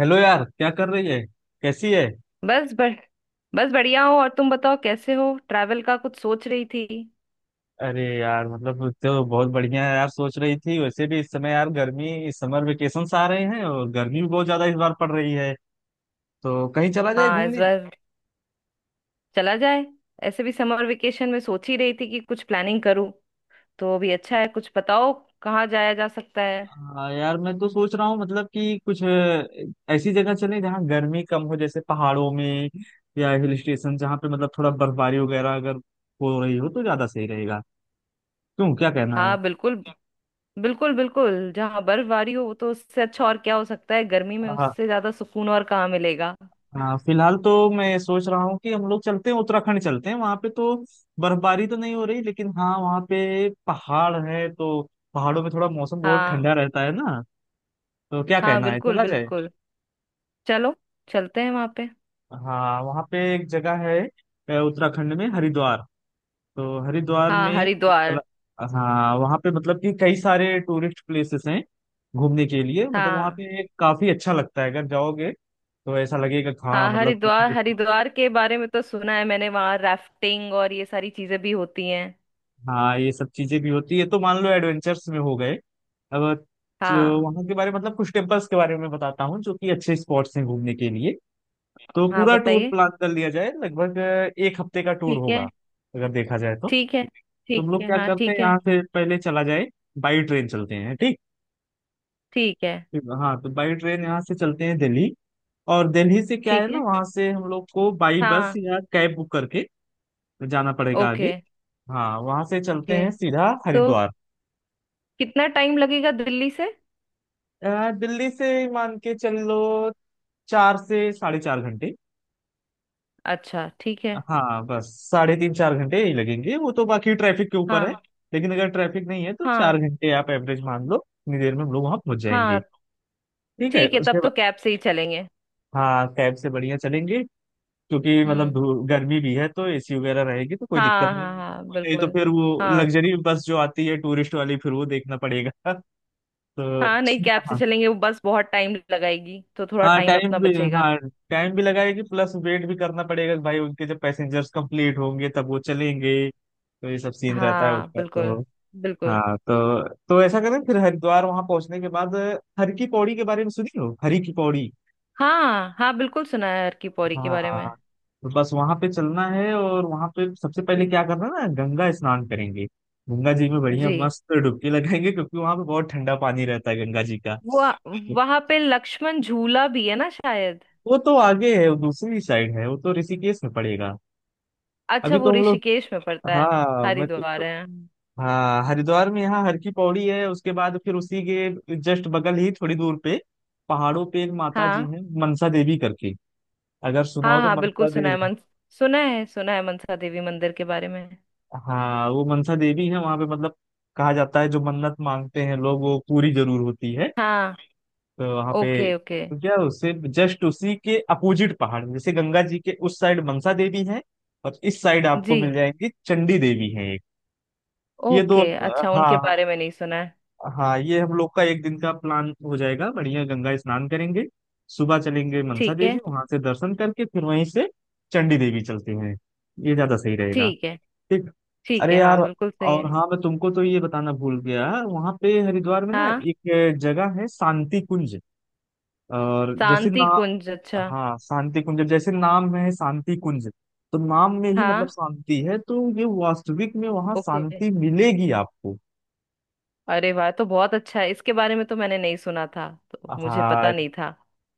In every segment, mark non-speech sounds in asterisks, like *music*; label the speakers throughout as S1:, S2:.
S1: Hello यार, क्या कर रही है? कैसी है?
S2: बस बस बस बढ़िया हो। और तुम बताओ, कैसे हो? ट्रैवल का कुछ सोच रही थी।
S1: अरे यार, मतलब तो बहुत बढ़िया है यार। सोच रही थी, वैसे भी इस समय यार गर्मी, इस समर वेकेशन आ रहे हैं और गर्मी भी बहुत ज्यादा इस बार पड़ रही है, तो कहीं चला जाए
S2: हाँ, इस
S1: घूमने।
S2: बार चला जाए। ऐसे भी समर वेकेशन में सोच ही रही थी कि कुछ प्लानिंग करूँ, तो अभी अच्छा है। कुछ बताओ, कहाँ जाया जा सकता है।
S1: हाँ यार, मैं तो सोच रहा हूँ मतलब कि कुछ ऐसी जगह चले जहाँ गर्मी कम हो, जैसे पहाड़ों में। या हिल स्टेशन, जहाँ पे मतलब थोड़ा बर्फबारी वगैरह अगर हो रही हो तो ज्यादा सही रहेगा। क्यों, क्या कहना
S2: हाँ, बिल्कुल बिल्कुल बिल्कुल। जहाँ बर्फबारी हो, वो तो, उससे अच्छा और क्या हो सकता है। गर्मी में
S1: है?
S2: उससे ज्यादा सुकून और कहाँ मिलेगा।
S1: हाँ, फिलहाल तो मैं सोच रहा हूँ कि हम लोग चलते हैं उत्तराखंड, चलते हैं वहां पे तो बर्फबारी तो नहीं हो रही, लेकिन हाँ वहाँ पे पहाड़ है तो पहाड़ों में थोड़ा मौसम बहुत ठंडा
S2: हाँ।
S1: रहता है ना। तो क्या
S2: हाँ
S1: कहना है,
S2: बिल्कुल
S1: चला जाए?
S2: बिल्कुल। चलो, चलते हैं वहां पे।
S1: हाँ वहाँ पे एक जगह है, उत्तराखंड में हरिद्वार। तो हरिद्वार
S2: हाँ
S1: में
S2: हरिद्वार।
S1: हाँ वहाँ पे मतलब कि कई सारे टूरिस्ट प्लेसेस हैं घूमने के लिए। मतलब वहाँ
S2: हाँ
S1: पे काफी अच्छा लगता है, अगर जाओगे तो ऐसा लगेगा कि हाँ
S2: हाँ
S1: मतलब।
S2: हरिद्वार, हरिद्वार के बारे में तो सुना है मैंने। वहाँ राफ्टिंग और ये सारी चीजें भी होती हैं।
S1: हाँ ये सब चीजें भी होती है तो मान लो एडवेंचर्स में हो गए। अब जो
S2: हाँ।
S1: वहाँ के बारे में मतलब कुछ टेम्पल्स के बारे में बताता हूँ जो कि अच्छे स्पॉट्स हैं घूमने के लिए, तो
S2: हाँ
S1: पूरा टूर
S2: बताइए।
S1: प्लान कर लिया जाए। लगभग एक हफ्ते का टूर
S2: ठीक है।
S1: होगा अगर देखा जाए तो।
S2: ठीक है। ठीक
S1: तुम लोग
S2: है
S1: क्या
S2: हाँ
S1: करते हैं?
S2: ठीक है।
S1: यहाँ से पहले चला जाए, बाई ट्रेन चलते हैं, ठीक।
S2: ठीक है।
S1: हाँ तो बाई ट्रेन यहाँ से चलते हैं दिल्ली, और दिल्ली से क्या है
S2: ठीक
S1: ना,
S2: है।
S1: वहाँ से हम लोग को बाई बस
S2: हाँ।
S1: या कैब बुक करके जाना पड़ेगा
S2: ओके।
S1: आगे। हाँ वहाँ से चलते
S2: ओके
S1: हैं सीधा
S2: तो
S1: हरिद्वार।
S2: कितना टाइम लगेगा दिल्ली से।
S1: यार दिल्ली से मान के चल लो 4 से 4.5 घंटे।
S2: अच्छा ठीक है।
S1: हाँ बस 3.5-4 घंटे यही लगेंगे, वो तो बाकी ट्रैफिक के ऊपर है।
S2: हाँ।
S1: लेकिन अगर ट्रैफिक नहीं है तो
S2: हाँ
S1: 4 घंटे आप एवरेज मान लो, इतनी देर में हम लोग वहां पहुंच जाएंगे।
S2: हाँ।
S1: ठीक है,
S2: ठीक है
S1: उसके
S2: तब तो
S1: बाद।
S2: कैब से ही चलेंगे।
S1: हाँ कैब से बढ़िया चलेंगे, क्योंकि मतलब
S2: हम्म।
S1: गर्मी भी है तो एसी वगैरह रहेगी तो कोई दिक्कत
S2: हाँ
S1: नहीं
S2: हाँ
S1: होगी।
S2: हाँ
S1: नहीं तो
S2: बिल्कुल।
S1: फिर वो
S2: हाँ
S1: लग्जरी बस जो आती है टूरिस्ट वाली, फिर वो देखना पड़ेगा। *laughs* तो
S2: हाँ, नहीं, कैब से
S1: हाँ,
S2: चलेंगे। वो बस बहुत टाइम लगाएगी, तो थोड़ा
S1: हाँ
S2: टाइम
S1: टाइम
S2: अपना
S1: भी,
S2: बचेगा।
S1: हाँ टाइम भी लगाएगी, प्लस वेट भी करना पड़ेगा कि भाई उनके जब पैसेंजर्स कंप्लीट होंगे तब वो चलेंगे, तो ये सब सीन रहता है
S2: हाँ
S1: उनका
S2: बिल्कुल
S1: तो।
S2: बिल्कुल।
S1: हाँ तो ऐसा करें फिर हरिद्वार वहां पहुंचने के बाद। हर की पौड़ी के बारे में सुनी हो? हरी की पौड़ी।
S2: हाँ हाँ बिल्कुल सुना है अर्की पौरी के बारे में।
S1: हाँ तो बस वहां पे चलना है और वहां पे सबसे पहले
S2: जी।
S1: क्या करना है ना, गंगा स्नान करेंगे। गंगा जी में बढ़िया
S2: जी।
S1: मस्त डुबकी लगाएंगे क्योंकि वहां पे बहुत ठंडा पानी रहता है गंगा जी का।
S2: वो, वहां पे लक्ष्मण झूला भी है ना शायद।
S1: वो तो आगे है, वो दूसरी साइड है, वो तो ऋषिकेश में पड़ेगा।
S2: अच्छा,
S1: अभी
S2: वो
S1: तो हम लोग,
S2: ऋषिकेश में पड़ता है।
S1: हाँ मैं तो,
S2: हरिद्वार
S1: तो-
S2: है। हम्म।
S1: हाँ हरिद्वार में यहाँ हर की पौड़ी है, उसके बाद फिर उसी के जस्ट बगल ही थोड़ी दूर पे पहाड़ों पे एक माता जी
S2: हाँ
S1: हैं, मनसा देवी करके। अगर सुना
S2: हाँ
S1: हो तो,
S2: हाँ बिल्कुल
S1: मनसा
S2: सुना है।
S1: देवी।
S2: मन सुना है, सुना है मनसा देवी मंदिर के बारे में।
S1: हाँ वो मनसा देवी है, वहाँ पे मतलब कहा जाता है जो मन्नत मांगते हैं लोग वो पूरी जरूर होती है।
S2: हाँ।
S1: तो वहाँ पे
S2: ओके ओके।
S1: तो क्या, उससे जस्ट उसी के अपोजिट पहाड़, जैसे गंगा जी के उस साइड मनसा देवी है और इस साइड आपको
S2: जी।
S1: मिल जाएंगी चंडी देवी है एक, ये दो।
S2: ओके, अच्छा, उनके
S1: हाँ
S2: बारे में नहीं सुना है।
S1: हाँ, ये हम लोग का एक दिन का प्लान हो जाएगा। बढ़िया गंगा स्नान करेंगे, सुबह चलेंगे मनसा
S2: ठीक
S1: देवी,
S2: है।
S1: वहां से दर्शन करके फिर वहीं से चंडी देवी चलते हैं। ये ज्यादा सही रहेगा।
S2: ठीक है।
S1: ठीक।
S2: ठीक
S1: अरे
S2: है हाँ
S1: यार,
S2: बिल्कुल सही
S1: और
S2: है।
S1: हाँ मैं तुमको तो ये बताना भूल गया, वहां पे हरिद्वार में ना
S2: हाँ।
S1: एक जगह है शांति कुंज। और जैसे ना,
S2: शांति कुंज, अच्छा।
S1: हाँ शांति कुंज, जैसे नाम में है शांति कुंज, तो नाम में ही मतलब
S2: हाँ।
S1: शांति है, तो ये वास्तविक में वहां
S2: ओके।
S1: शांति मिलेगी आपको।
S2: अरे वाह, तो बहुत अच्छा है। इसके बारे में तो मैंने नहीं सुना था, तो मुझे
S1: हाँ
S2: पता नहीं था।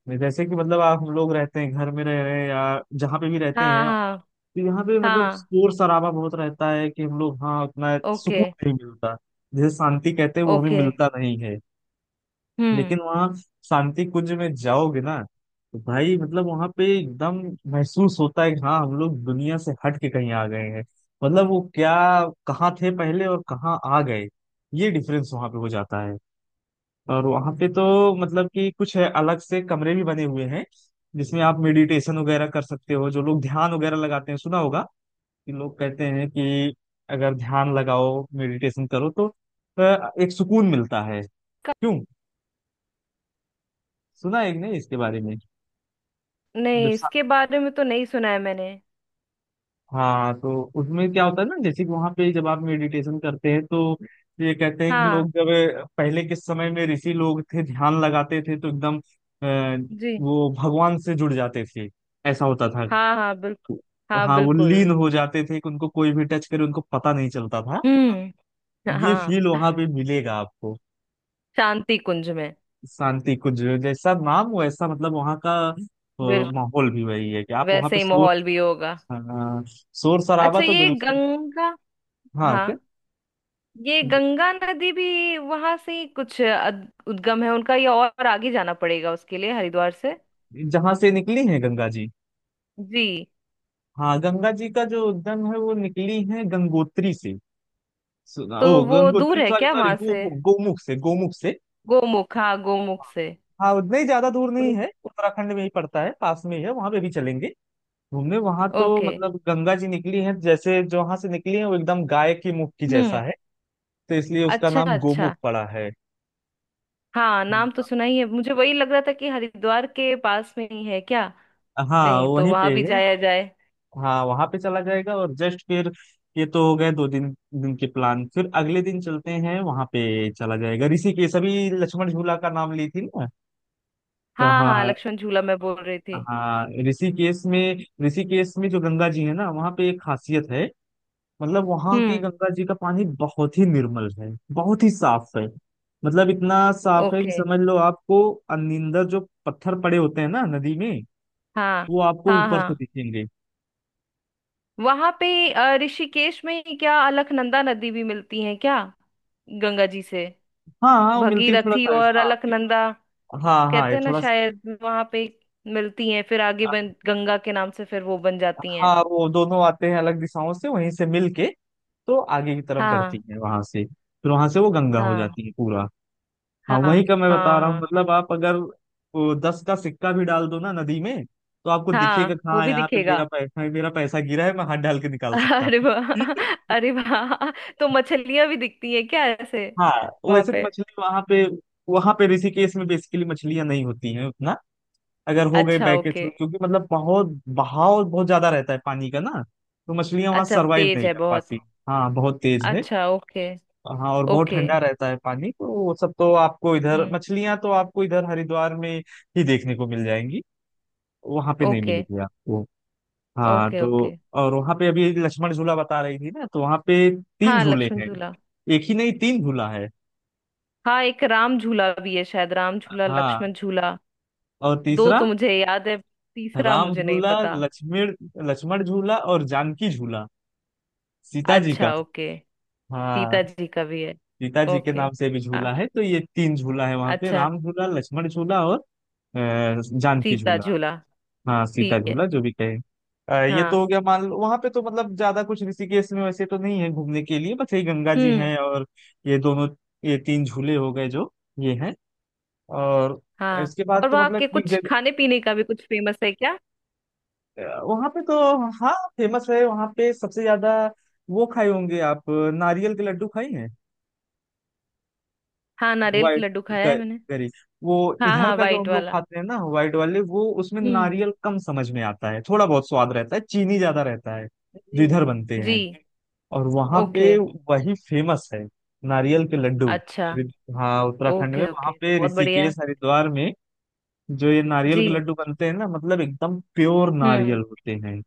S1: मैं जैसे कि मतलब, आप हम लोग रहते हैं घर में, रह रहे हैं या जहाँ पे भी रहते
S2: हाँ
S1: हैं,
S2: हाँ।
S1: तो यहाँ पे मतलब
S2: हाँ।
S1: शोर शराबा बहुत रहता है कि हम लोग, हाँ उतना
S2: ओके।
S1: सुकून नहीं मिलता। जैसे शांति कहते हैं वो हमें
S2: ओके।
S1: मिलता नहीं है। लेकिन
S2: हम्म।
S1: वहाँ शांति कुंज में जाओगे ना, तो भाई मतलब वहाँ पे एकदम महसूस होता है कि हाँ हम लोग दुनिया से हट के कहीं आ गए हैं। मतलब वो क्या, कहाँ थे पहले और कहाँ आ गए, ये डिफरेंस वहाँ पे हो जाता है। और वहां पे तो मतलब कि कुछ है, अलग से कमरे भी बने हुए हैं जिसमें आप मेडिटेशन वगैरह कर सकते हो। जो लोग ध्यान वगैरह लगाते हैं, सुना होगा कि लोग कहते हैं कि अगर ध्यान लगाओ मेडिटेशन करो तो एक सुकून मिलता है। क्यों, सुना है कि नहीं इसके बारे में? जब
S2: नहीं,
S1: सा-
S2: इसके बारे में तो नहीं सुना है मैंने।
S1: हाँ तो उसमें क्या होता है ना, जैसे कि वहां पे जब आप मेडिटेशन करते हैं तो ये कहते हैं कि
S2: हाँ।
S1: लोग जब पहले के समय में ऋषि लोग थे ध्यान लगाते थे तो एकदम अ,
S2: जी।
S1: वो भगवान से जुड़ जाते थे। ऐसा होता था।
S2: हाँ हाँ बिल्कुल। हाँ
S1: हाँ वो लीन
S2: बिल्कुल।
S1: हो जाते थे कि उनको कोई भी टच करे उनको पता नहीं चलता था।
S2: हम्म।
S1: ये
S2: हाँ।
S1: फील वहां पे मिलेगा आपको।
S2: शांति कुंज में।
S1: शांति कुछ, जैसा नाम वैसा, मतलब वहां का
S2: बिल्कुल।
S1: माहौल भी वही है कि आप वहां
S2: वैसे
S1: पे
S2: ही
S1: शोर,
S2: माहौल भी होगा।
S1: हाँ, शोर शराबा
S2: अच्छा
S1: तो
S2: ये
S1: बिल्कुल।
S2: गंगा।
S1: हाँ
S2: हाँ,
S1: क्या?
S2: ये गंगा नदी भी वहां से ही कुछ उद्गम है उनका, या और आगे जाना पड़ेगा उसके लिए हरिद्वार से?
S1: जहां से निकली है गंगा जी?
S2: जी।
S1: हाँ गंगा जी का जो उद्गम है वो निकली है गंगोत्री से,
S2: तो
S1: ओ
S2: वो दूर
S1: गंगोत्री,
S2: है
S1: सॉरी
S2: क्या
S1: सॉरी,
S2: वहां से?
S1: गोमुख, गोमुख से, गोमुख से।
S2: गोमुख, हाँ गोमुख से।
S1: हाँ उतना ही ज्यादा दूर नहीं है, उत्तराखंड में ही पड़ता है, पास में ही है, वहां पे भी चलेंगे घूमने। वहां तो
S2: ओके।
S1: मतलब गंगा जी निकली हैं, जैसे जहां से निकली है वो एकदम गाय की मुख की जैसा
S2: हम्म।
S1: है, तो इसलिए उसका
S2: अच्छा
S1: नाम गोमुख
S2: अच्छा।
S1: पड़ा है।
S2: हाँ नाम तो
S1: हाँ
S2: सुना ही है। मुझे वही लग रहा था कि हरिद्वार के पास में ही है क्या।
S1: हाँ
S2: कहीं तो
S1: वहीं
S2: वहां
S1: पे
S2: भी
S1: है।
S2: जाया जाए।
S1: हाँ वहां पे चला जाएगा और जस्ट फिर, ये तो हो गए 2 दिन। दिन के प्लान फिर अगले दिन चलते हैं वहां पे, चला जाएगा ऋषिकेश। अभी लक्ष्मण झूला का नाम ली थी ना, तो
S2: हाँ हाँ,
S1: हाँ।
S2: लक्ष्मण झूला मैं बोल रही थी।
S1: हाँ ऋषिकेश में, ऋषिकेश में जो गंगा जी है ना वहाँ पे एक खासियत है। मतलब वहां की
S2: हम्म।
S1: गंगा जी का पानी बहुत ही निर्मल है, बहुत ही साफ है। मतलब इतना साफ है कि
S2: ओके।
S1: समझ लो आपको अनिंदर जो पत्थर पड़े होते हैं ना नदी में,
S2: हाँ।
S1: वो आपको
S2: हाँ
S1: ऊपर से
S2: हाँ।
S1: दिखेंगे।
S2: वहां पे ऋषिकेश में ही क्या अलकनंदा नदी भी मिलती है क्या, गंगा जी से?
S1: हाँ हाँ वो मिलते हैं थोड़ा
S2: भगीरथी और
S1: सा। हाँ
S2: अलकनंदा
S1: हाँ हाँ
S2: कहते
S1: ये
S2: हैं ना
S1: थोड़ा सा।
S2: शायद। वहां पे मिलती हैं, फिर आगे बन गंगा के नाम से फिर वो बन जाती हैं।
S1: हाँ वो दोनों आते हैं अलग दिशाओं से, वहीं से मिल के तो आगे की तरफ
S2: हाँ।
S1: बढ़ती है वहां से, फिर वहां से वो गंगा हो
S2: हाँ।
S1: जाती है पूरा। हाँ
S2: हाँ हाँ
S1: वही का मैं बता रहा हूँ,
S2: हाँ।
S1: मतलब आप अगर वो 10 का सिक्का भी डाल दो ना नदी में तो आपको दिखेगा
S2: हाँ,
S1: कि
S2: वो
S1: हाँ
S2: भी
S1: यहाँ पे मेरा
S2: दिखेगा।
S1: पैसा, मेरा पैसा गिरा है, मैं हाथ डाल के निकाल सकता
S2: अरे वाह।
S1: हूँ। *laughs*
S2: अरे वाह, तो मछलियां भी दिखती हैं क्या ऐसे,
S1: हाँ
S2: वहां
S1: वैसे तो
S2: पे?
S1: मछली वहां पे, ऋषिकेश में बेसिकली मछलियां नहीं होती हैं उतना। अगर हो गए
S2: अच्छा
S1: बैकेज
S2: ओके।
S1: में, क्योंकि मतलब बहुत बहाव बहुत ज्यादा रहता है पानी का ना, तो मछलियां वहां
S2: अच्छा
S1: सरवाइव
S2: तेज
S1: नहीं
S2: है
S1: कर
S2: बहुत।
S1: पाती। हाँ बहुत तेज है।
S2: अच्छा ओके।
S1: हाँ और बहुत
S2: ओके।
S1: ठंडा रहता है पानी, तो वो सब तो आपको इधर,
S2: हम्म।
S1: मछलियां तो आपको इधर हरिद्वार में ही देखने को मिल जाएंगी, वहां पे नहीं
S2: ओके।
S1: मिली थी आपको। हाँ
S2: ओके
S1: तो
S2: ओके।
S1: और वहां पे अभी लक्ष्मण झूला बता रही थी ना, तो वहां पे तीन
S2: हाँ
S1: झूले
S2: लक्ष्मण
S1: हैं।
S2: झूला।
S1: एक ही नहीं, तीन झूला है।
S2: हाँ एक राम झूला भी है शायद, राम झूला
S1: हाँ
S2: लक्ष्मण झूला।
S1: और
S2: दो
S1: तीसरा,
S2: तो मुझे याद है, तीसरा
S1: राम
S2: मुझे नहीं
S1: झूला,
S2: पता।
S1: लक्ष्मण लक्ष्मण झूला और जानकी झूला, सीता जी का।
S2: अच्छा ओके।
S1: हाँ
S2: सीता जी का भी है।
S1: सीता जी के
S2: ओके।
S1: नाम से भी
S2: आ,
S1: झूला है, तो ये तीन झूला है वहां पे,
S2: अच्छा,
S1: राम झूला, लक्ष्मण झूला और जानकी
S2: सीता
S1: झूला।
S2: झूला।
S1: हाँ सीता
S2: ठीक है।
S1: झूला, जो भी कहे। ये तो
S2: हाँ।
S1: हो गया, मान लो वहां पे तो मतलब ज्यादा कुछ ऋषिकेश में वैसे तो नहीं है घूमने के लिए, बस यही गंगा जी
S2: हम्म।
S1: हैं और ये दोनों, ये तीन झूले हो गए जो ये हैं। और
S2: हाँ,
S1: इसके बाद
S2: और
S1: तो
S2: वहाँ के
S1: मतलब एक
S2: कुछ
S1: जगह।
S2: खाने पीने का भी कुछ फेमस है क्या?
S1: वहां पे तो हाँ फेमस है, वहां पे सबसे ज्यादा, वो खाए होंगे आप, नारियल के लड्डू खाई हैं,
S2: हाँ नारियल के
S1: वाइट
S2: लड्डू खाया है मैंने।
S1: गरी, वो।
S2: हाँ
S1: इधर
S2: हाँ
S1: का जो
S2: वाइट
S1: हम लोग
S2: वाला।
S1: खाते हैं ना वाइट वाले, वो उसमें
S2: हम्म।
S1: नारियल कम समझ में आता है, थोड़ा बहुत स्वाद रहता है, चीनी ज्यादा रहता है जो
S2: जी।
S1: इधर बनते
S2: जी।
S1: हैं। और वहां पे
S2: ओके।
S1: वही फेमस है, नारियल के लड्डू।
S2: अच्छा।
S1: रि- हाँ उत्तराखंड में
S2: ओके
S1: वहां
S2: ओके, तो
S1: पे,
S2: बहुत बढ़िया।
S1: ऋषिकेश हरिद्वार में जो ये नारियल
S2: जी।
S1: के लड्डू बनते हैं ना, मतलब एकदम प्योर नारियल
S2: हम्म।
S1: होते हैं।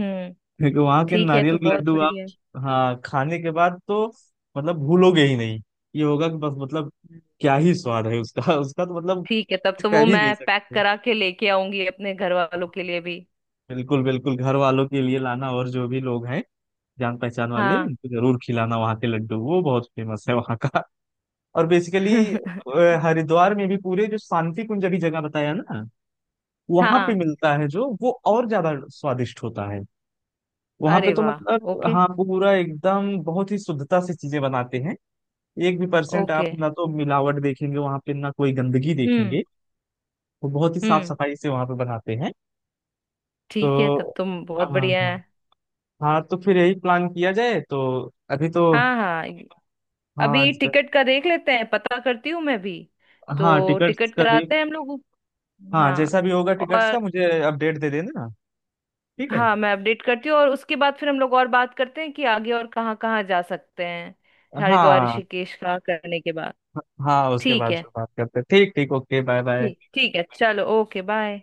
S2: हम्म।
S1: क्योंकि वहां के
S2: ठीक है,
S1: नारियल
S2: तो
S1: के
S2: बहुत
S1: लड्डू आप,
S2: बढ़िया।
S1: हाँ, खाने के बाद तो मतलब भूलोगे ही नहीं। ये होगा कि बस मतलब,
S2: हम्म।
S1: क्या ही स्वाद है उसका। *laughs* उसका तो मतलब
S2: ठीक है, तब
S1: कुछ
S2: तो
S1: कह
S2: वो
S1: ही नहीं
S2: मैं पैक
S1: सकते।
S2: करा के लेके आऊंगी अपने घर वालों के लिए भी।
S1: बिल्कुल बिल्कुल, घर वालों के लिए लाना और जो भी लोग हैं जान पहचान वाले
S2: हाँ।
S1: उनको जरूर खिलाना वहाँ के लड्डू, वो बहुत फेमस है वहाँ का। और बेसिकली
S2: *laughs*
S1: हरिद्वार में भी पूरे, जो शांति कुंज अभी जगह बताया ना, वहां पे
S2: हाँ।
S1: मिलता है जो वो और ज्यादा स्वादिष्ट होता है। वहां पे
S2: अरे
S1: तो
S2: वाह।
S1: मतलब
S2: ओके।
S1: हाँ पूरा एकदम बहुत ही शुद्धता से चीजें बनाते हैं। एक भी परसेंट
S2: ओके।
S1: आप ना तो मिलावट देखेंगे वहां पे, ना कोई गंदगी
S2: हम्म।
S1: देखेंगे, वो बहुत ही साफ
S2: हम्म।
S1: सफाई से वहां पे बनाते हैं।
S2: ठीक है,
S1: तो
S2: तब तो बहुत
S1: हाँ
S2: बढ़िया
S1: हाँ।
S2: है।
S1: हाँ तो फिर यही प्लान किया जाए, तो अभी तो
S2: हाँ हाँ,
S1: हाँ,
S2: अभी टिकट का देख लेते हैं, पता करती हूँ मैं भी।
S1: हाँ
S2: तो
S1: टिकट्स
S2: टिकट
S1: का देख।
S2: कराते हैं हम लोग।
S1: हाँ जैसा
S2: हाँ।
S1: भी होगा टिकट्स
S2: और
S1: का मुझे अपडेट दे देना। ठीक है।
S2: हाँ, मैं अपडेट करती हूँ। और उसके बाद फिर हम लोग और बात करते हैं कि आगे और कहाँ कहाँ जा सकते हैं, हरिद्वार
S1: हाँ
S2: ऋषिकेश का करने के बाद।
S1: हाँ, उसके
S2: ठीक
S1: बाद
S2: है।
S1: फिर बात करते हैं। ठीक ठीक, ओके बाय बाय।
S2: ठीक, ठीक है, चलो, ओके बाय।